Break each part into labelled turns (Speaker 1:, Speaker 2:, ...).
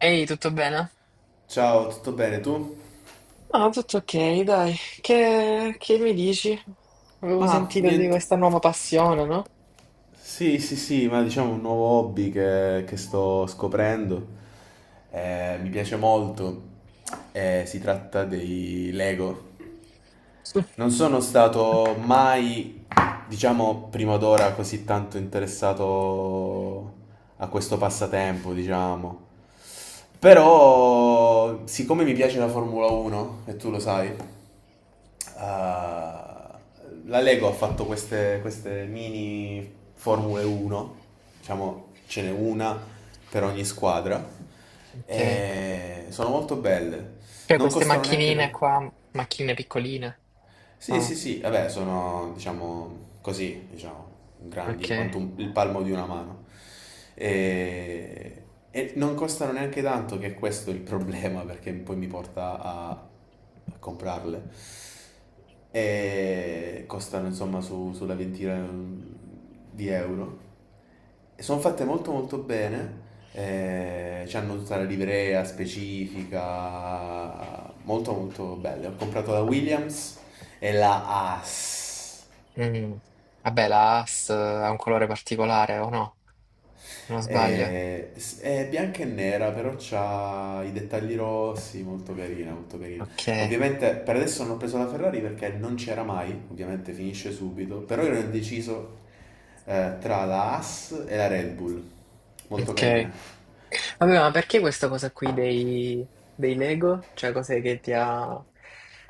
Speaker 1: Ehi, tutto bene?
Speaker 2: Ciao, tutto bene tu?
Speaker 1: Ah, tutto ok, dai. Che mi dici? Avevo
Speaker 2: Ma
Speaker 1: sentito di
Speaker 2: niente.
Speaker 1: questa nuova passione, no?
Speaker 2: Sì, sì, sì, ma diciamo un nuovo hobby che sto scoprendo. Mi piace molto. Si tratta dei Lego. Non sono stato mai, diciamo, prima d'ora così tanto interessato a questo passatempo, diciamo. Però, siccome mi piace la Formula 1, e tu lo sai. Ah, la Lego ha fatto queste mini Formule 1, diciamo ce n'è una per ogni squadra,
Speaker 1: Ok.
Speaker 2: e sono molto belle,
Speaker 1: Cioè,
Speaker 2: non
Speaker 1: queste
Speaker 2: costano neanche
Speaker 1: macchinine
Speaker 2: tanto.
Speaker 1: qua, macchine piccoline,
Speaker 2: Sì, sì,
Speaker 1: sono...
Speaker 2: sì, vabbè, sono, diciamo, così, diciamo,
Speaker 1: Ok.
Speaker 2: grandi quanto il palmo di una mano. E, e non costano neanche tanto, che è questo il problema, perché poi mi porta a comprarle. E costano, insomma, sulla ventina di euro. Sono fatte molto molto bene, hanno tutta la livrea specifica, molto molto belle. Ho comprato la Williams e la Haas.
Speaker 1: Mm. Vabbè, la AS ha un colore particolare, o no? Se non sbaglio.
Speaker 2: È bianca e nera, però ha i dettagli rossi, molto carina, molto carina.
Speaker 1: Ok.
Speaker 2: Ovviamente per adesso non ho preso la Ferrari perché non c'era mai, ovviamente finisce subito, però io ero indeciso tra la Haas e la Red Bull, molto
Speaker 1: Ok.
Speaker 2: carina.
Speaker 1: Vabbè, ma perché questa cosa qui dei Lego? Cioè, cos'è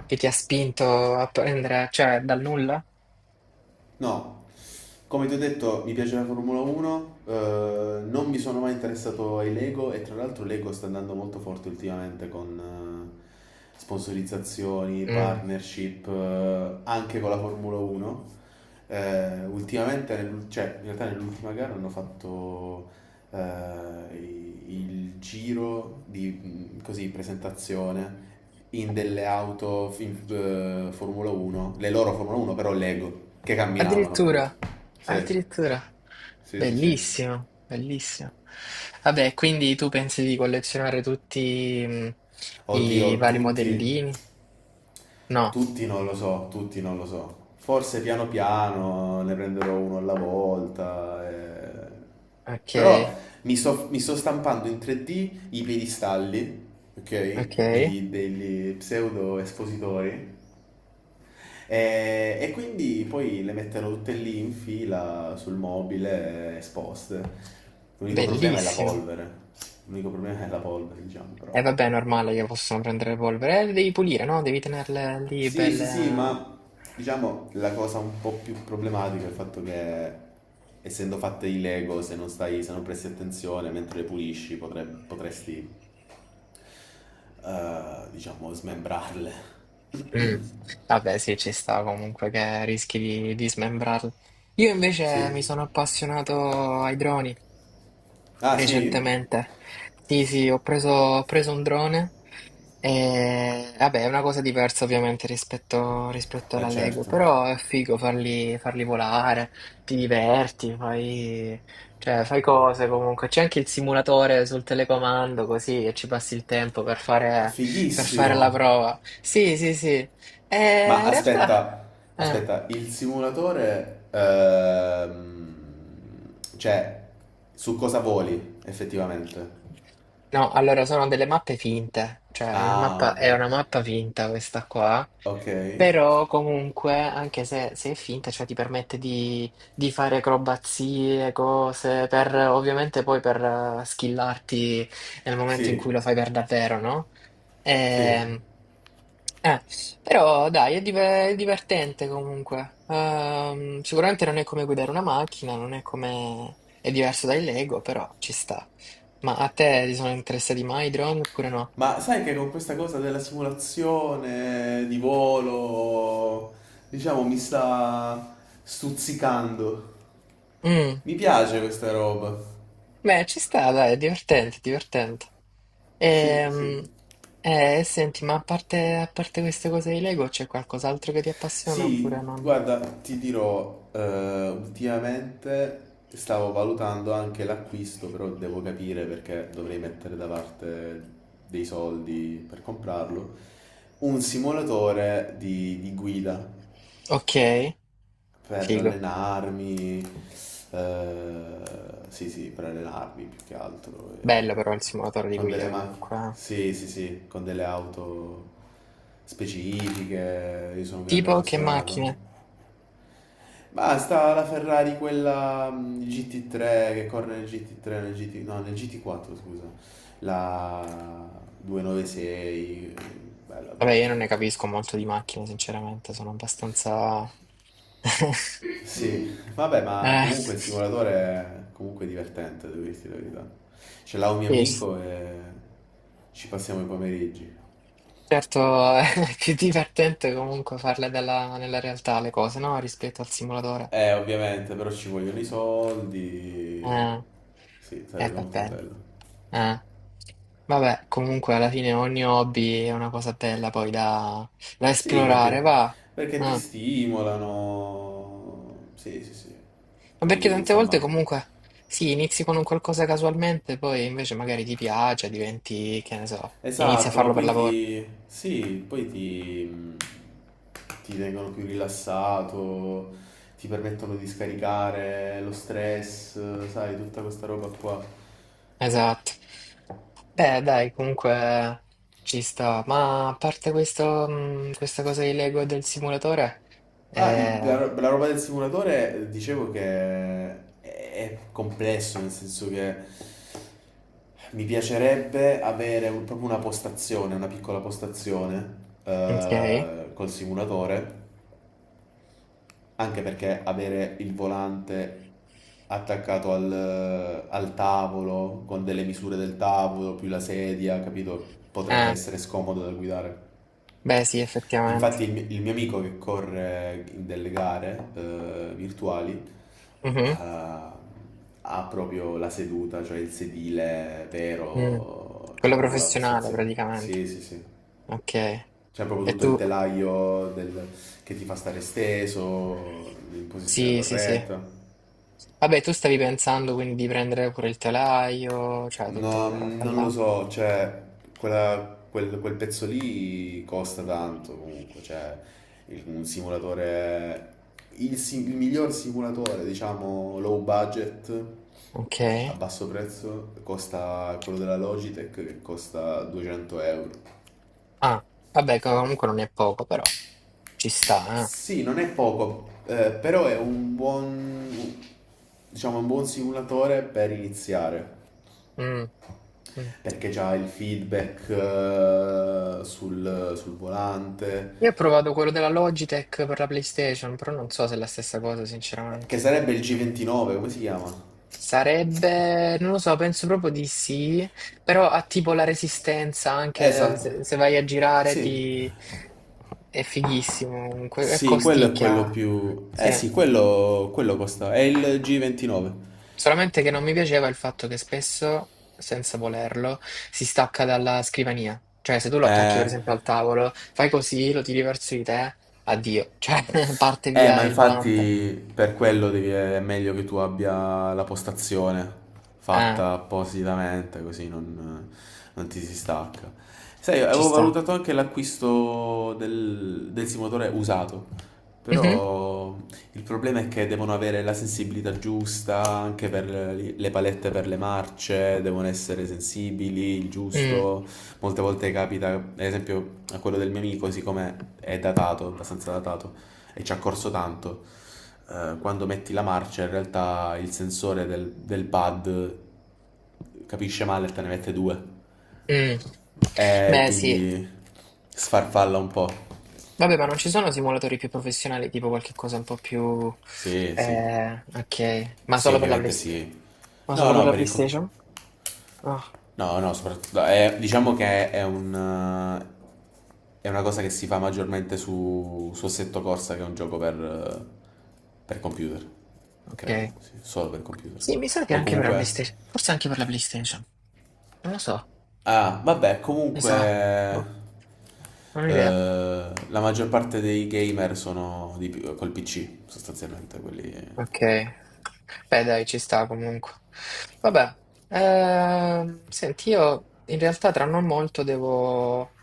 Speaker 1: che ti ha spinto a prendere, cioè, dal nulla?
Speaker 2: No, come ti ho detto, mi piace la Formula 1, non mi sono mai interessato ai Lego e tra l'altro Lego sta andando molto forte ultimamente con sponsorizzazioni,
Speaker 1: Mm.
Speaker 2: partnership, anche con la Formula 1. Ultimamente, cioè, in realtà nell'ultima gara hanno fatto il giro di così, presentazione in delle auto in, Formula 1, le loro Formula 1 però Lego, che camminavano appunto.
Speaker 1: Addirittura,
Speaker 2: Sì,
Speaker 1: addirittura.
Speaker 2: sì, sì, sì.
Speaker 1: Bellissimo, bellissimo. Vabbè, quindi tu pensi di collezionare tutti i
Speaker 2: Oddio,
Speaker 1: vari
Speaker 2: tutti,
Speaker 1: modellini? No,
Speaker 2: tutti non lo so, tutti non lo so. Forse piano piano ne prenderò uno alla volta.
Speaker 1: ok,
Speaker 2: Però mi sto stampando in 3D i piedistalli, ok?
Speaker 1: ok.
Speaker 2: Quindi degli pseudo espositori. E quindi poi le metterò tutte lì in fila sul mobile, esposte. L'unico problema è la
Speaker 1: Bellissimo.
Speaker 2: polvere. L'unico problema è la polvere, diciamo,
Speaker 1: E
Speaker 2: però.
Speaker 1: vabbè, è normale che possono prendere polvere. Le devi pulire, no? Devi tenerle lì
Speaker 2: Sì, sì, sì,
Speaker 1: belle.
Speaker 2: ma diciamo la cosa un po' più problematica è il fatto che essendo fatte di Lego, se non presti attenzione mentre le pulisci, potresti, diciamo, smembrarle.
Speaker 1: Mm. Vabbè, sì, ci sta comunque che rischi di smembrarlo. Io invece mi
Speaker 2: Sì.
Speaker 1: sono appassionato ai droni
Speaker 2: Ah, sì?
Speaker 1: recentemente. Sì, sì, ho preso un drone e, vabbè, è una cosa diversa ovviamente rispetto, rispetto
Speaker 2: Eh
Speaker 1: alla Lego,
Speaker 2: certo.
Speaker 1: però è figo farli, farli volare, ti diverti, fai, cioè, fai cose comunque. C'è anche il simulatore sul telecomando così e ci passi il tempo per fare la
Speaker 2: Fighissimo.
Speaker 1: prova. Sì, sì, sì. E
Speaker 2: Ma
Speaker 1: in realtà...
Speaker 2: aspetta,
Speaker 1: eh,
Speaker 2: aspetta, il simulatore, cioè, su cosa voli effettivamente?
Speaker 1: no, allora sono delle mappe finte, cioè
Speaker 2: Ah, ok,
Speaker 1: è una mappa finta questa qua.
Speaker 2: ok,
Speaker 1: Però comunque, anche se, se è finta, cioè ti permette di fare acrobazie, cose, per ovviamente poi per skillarti nel momento in cui
Speaker 2: sì,
Speaker 1: lo fai per davvero, no?
Speaker 2: sì.
Speaker 1: Ehm, eh, però dai, è, è divertente comunque. Sicuramente non è come guidare una macchina, non è come... è diverso dai Lego, però ci sta. Ma a te ti sono interessati mai i drone oppure no?
Speaker 2: Ma sai che con questa cosa della simulazione di volo, diciamo, mi sta stuzzicando.
Speaker 1: Mm.
Speaker 2: Mi piace questa roba.
Speaker 1: Beh, ci sta, dai, è divertente, è divertente.
Speaker 2: Sì,
Speaker 1: Ehm,
Speaker 2: sì.
Speaker 1: senti, ma a parte queste cose di Lego, c'è qualcos'altro che ti appassiona oppure
Speaker 2: Sì,
Speaker 1: non?
Speaker 2: guarda, ti dirò, ultimamente stavo valutando anche l'acquisto, però devo capire perché dovrei mettere da parte dei soldi per comprarlo, un simulatore di guida
Speaker 1: Ok,
Speaker 2: per
Speaker 1: figo.
Speaker 2: allenarmi, eh, sì sì, per allenarmi più che altro,
Speaker 1: Bello però il simulatore di
Speaker 2: con delle
Speaker 1: guida
Speaker 2: macchine,
Speaker 1: comunque. Eh.
Speaker 2: sì sì sì, con delle auto specifiche, io sono un grande
Speaker 1: Tipo che macchine?
Speaker 2: appassionato. Basta la Ferrari, quella GT3 che corre nel GT3, nel GT, no, nel GT4, scusa. La 296, bella,
Speaker 1: Vabbè,
Speaker 2: bella,
Speaker 1: io
Speaker 2: bella,
Speaker 1: non ne
Speaker 2: bella.
Speaker 1: capisco molto di macchine, sinceramente, sono abbastanza...
Speaker 2: Sì, vabbè, ma
Speaker 1: Eh,
Speaker 2: comunque il simulatore è comunque divertente, devo dirti la verità. Ce l'ha un mio
Speaker 1: sì, s-
Speaker 2: amico e ci passiamo i pomeriggi.
Speaker 1: certo, è più divertente comunque farle nella realtà le cose, no? Rispetto al simulatore.
Speaker 2: Ovviamente, però ci vogliono i soldi.
Speaker 1: Ah,
Speaker 2: Sì, sarebbe
Speaker 1: va
Speaker 2: molto
Speaker 1: bene.
Speaker 2: bello.
Speaker 1: Ah. Vabbè, comunque alla fine ogni hobby è una cosa bella poi da, da
Speaker 2: Sì,
Speaker 1: esplorare,
Speaker 2: perché,
Speaker 1: va.
Speaker 2: perché ti
Speaker 1: Ah,
Speaker 2: stimolano. Sì, sì, sì.
Speaker 1: ma perché
Speaker 2: Poi,
Speaker 1: tante volte
Speaker 2: insomma,
Speaker 1: comunque sì, inizi con un qualcosa casualmente, poi invece magari ti piace, diventi, che ne so, inizi a
Speaker 2: esatto,
Speaker 1: farlo per lavoro.
Speaker 2: sì, ti tengono più rilassato, ti permettono di scaricare lo stress, sai, tutta questa roba qua.
Speaker 1: Esatto. Beh, dai, comunque ci sta. Ma a parte questo, questa cosa di Lego e del simulatore,
Speaker 2: Ah,
Speaker 1: eh,
Speaker 2: la roba del simulatore, dicevo che è complesso, nel senso che mi piacerebbe avere proprio una postazione, una piccola postazione
Speaker 1: ok.
Speaker 2: col simulatore, anche perché avere il volante attaccato al tavolo, con delle misure del tavolo, più la sedia, capito? Potrebbe
Speaker 1: Eh,
Speaker 2: essere scomodo da guidare.
Speaker 1: beh, sì,
Speaker 2: Infatti
Speaker 1: effettivamente.
Speaker 2: il mio amico che corre in delle gare virtuali,
Speaker 1: Mhm.
Speaker 2: ha proprio la seduta, cioè il sedile
Speaker 1: Mm.
Speaker 2: vero, c'è
Speaker 1: Quello
Speaker 2: proprio la
Speaker 1: professionale,
Speaker 2: postazione.
Speaker 1: praticamente.
Speaker 2: Sì, sì, sì.
Speaker 1: Ok.
Speaker 2: C'è proprio
Speaker 1: E
Speaker 2: tutto il
Speaker 1: tu?
Speaker 2: telaio che ti fa stare steso, in posizione
Speaker 1: Sì, sì, sì.
Speaker 2: corretta.
Speaker 1: Vabbè, tu stavi pensando quindi di prendere pure il telaio, cioè tutta
Speaker 2: No,
Speaker 1: quella roba
Speaker 2: non lo
Speaker 1: là.
Speaker 2: so, cioè, quel pezzo lì costa tanto comunque, cioè, un simulatore, il miglior simulatore, diciamo, low budget,
Speaker 1: Ok.
Speaker 2: a basso prezzo, costa quello della Logitech che costa 200 euro.
Speaker 1: Ah, vabbè, comunque non è poco, però ci sta,
Speaker 2: Sì, non è poco, però è un buon, diciamo, un buon simulatore per iniziare.
Speaker 1: eh. Mm, mm.
Speaker 2: Perché c'ha il feedback sul volante,
Speaker 1: Io ho provato quello della Logitech per la PlayStation, però non so se è la stessa cosa,
Speaker 2: che
Speaker 1: sinceramente.
Speaker 2: sarebbe il G29, come si chiama?
Speaker 1: Sarebbe, non lo so, penso proprio di sì, però ha tipo la resistenza, anche
Speaker 2: Esatto,
Speaker 1: se, se vai a girare
Speaker 2: sì,
Speaker 1: ti... è fighissimo, comunque, è
Speaker 2: sì, quello è quello
Speaker 1: costicchia,
Speaker 2: più...
Speaker 1: sì.
Speaker 2: eh sì, quello costa, è il G29.
Speaker 1: Solamente che non mi piaceva il fatto che spesso, senza volerlo, si stacca dalla scrivania. Cioè, se tu lo attacchi per
Speaker 2: Eh,
Speaker 1: esempio al tavolo, fai così, lo tiri verso di te, addio, cioè parte
Speaker 2: Ma
Speaker 1: via il volante.
Speaker 2: infatti per quello è meglio che tu abbia la postazione
Speaker 1: Ah,
Speaker 2: fatta appositamente, così non ti si stacca. Sai,
Speaker 1: ci
Speaker 2: avevo
Speaker 1: sta.
Speaker 2: valutato anche l'acquisto del simulatore usato,
Speaker 1: Mhm,
Speaker 2: però il problema è che devono avere la sensibilità giusta anche per le palette per le marce, devono essere sensibili, il
Speaker 1: mm,
Speaker 2: giusto. Molte volte capita, ad esempio, a quello del mio amico, siccome è datato, abbastanza datato e ci ha corso tanto. Quando metti la marcia, in realtà il sensore del pad capisce male e te ne mette due.
Speaker 1: mm.
Speaker 2: E
Speaker 1: Beh, sì.
Speaker 2: quindi sfarfalla un po'.
Speaker 1: Vabbè, ma non ci sono simulatori più professionali, tipo qualche cosa un po' più...
Speaker 2: Sì, sì.
Speaker 1: Ok. Ma
Speaker 2: Sì,
Speaker 1: solo per la
Speaker 2: ovviamente
Speaker 1: PlayStation?
Speaker 2: sì.
Speaker 1: Ma
Speaker 2: No,
Speaker 1: solo per
Speaker 2: no,
Speaker 1: la
Speaker 2: per il... co-
Speaker 1: PlayStation? Ah,
Speaker 2: No, no, soprattutto, diciamo che è è una cosa che si fa maggiormente su Assetto Corsa, che è un gioco per computer,
Speaker 1: ok.
Speaker 2: credo, sì, solo per computer.
Speaker 1: Sì, mi sa che
Speaker 2: O
Speaker 1: anche per la
Speaker 2: comunque
Speaker 1: PlayStation. Forse anche per la PlayStation. Non lo so,
Speaker 2: Ah, vabbè,
Speaker 1: mi sa.
Speaker 2: comunque
Speaker 1: Boh, non ho idea.
Speaker 2: la maggior parte dei gamer sono col PC, sostanzialmente, quelli...
Speaker 1: Ok. Beh, dai, ci sta comunque. Vabbè, senti, io in realtà tra non molto devo,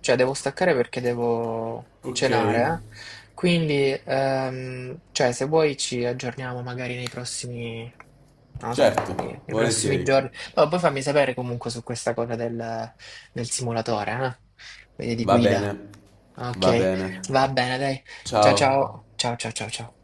Speaker 1: cioè devo staccare perché devo
Speaker 2: Ok.
Speaker 1: cenare, eh. Quindi, cioè, se vuoi ci aggiorniamo magari nei prossimi, non lo so, nei,
Speaker 2: Certo,
Speaker 1: nei prossimi
Speaker 2: volentieri.
Speaker 1: giorni. Ma poi fammi sapere comunque su questa cosa del, del simulatore, eh? Quindi di
Speaker 2: Va bene,
Speaker 1: guida.
Speaker 2: va
Speaker 1: Ok,
Speaker 2: bene.
Speaker 1: va bene, dai. Ciao
Speaker 2: Ciao.
Speaker 1: ciao, ciao ciao ciao ciao.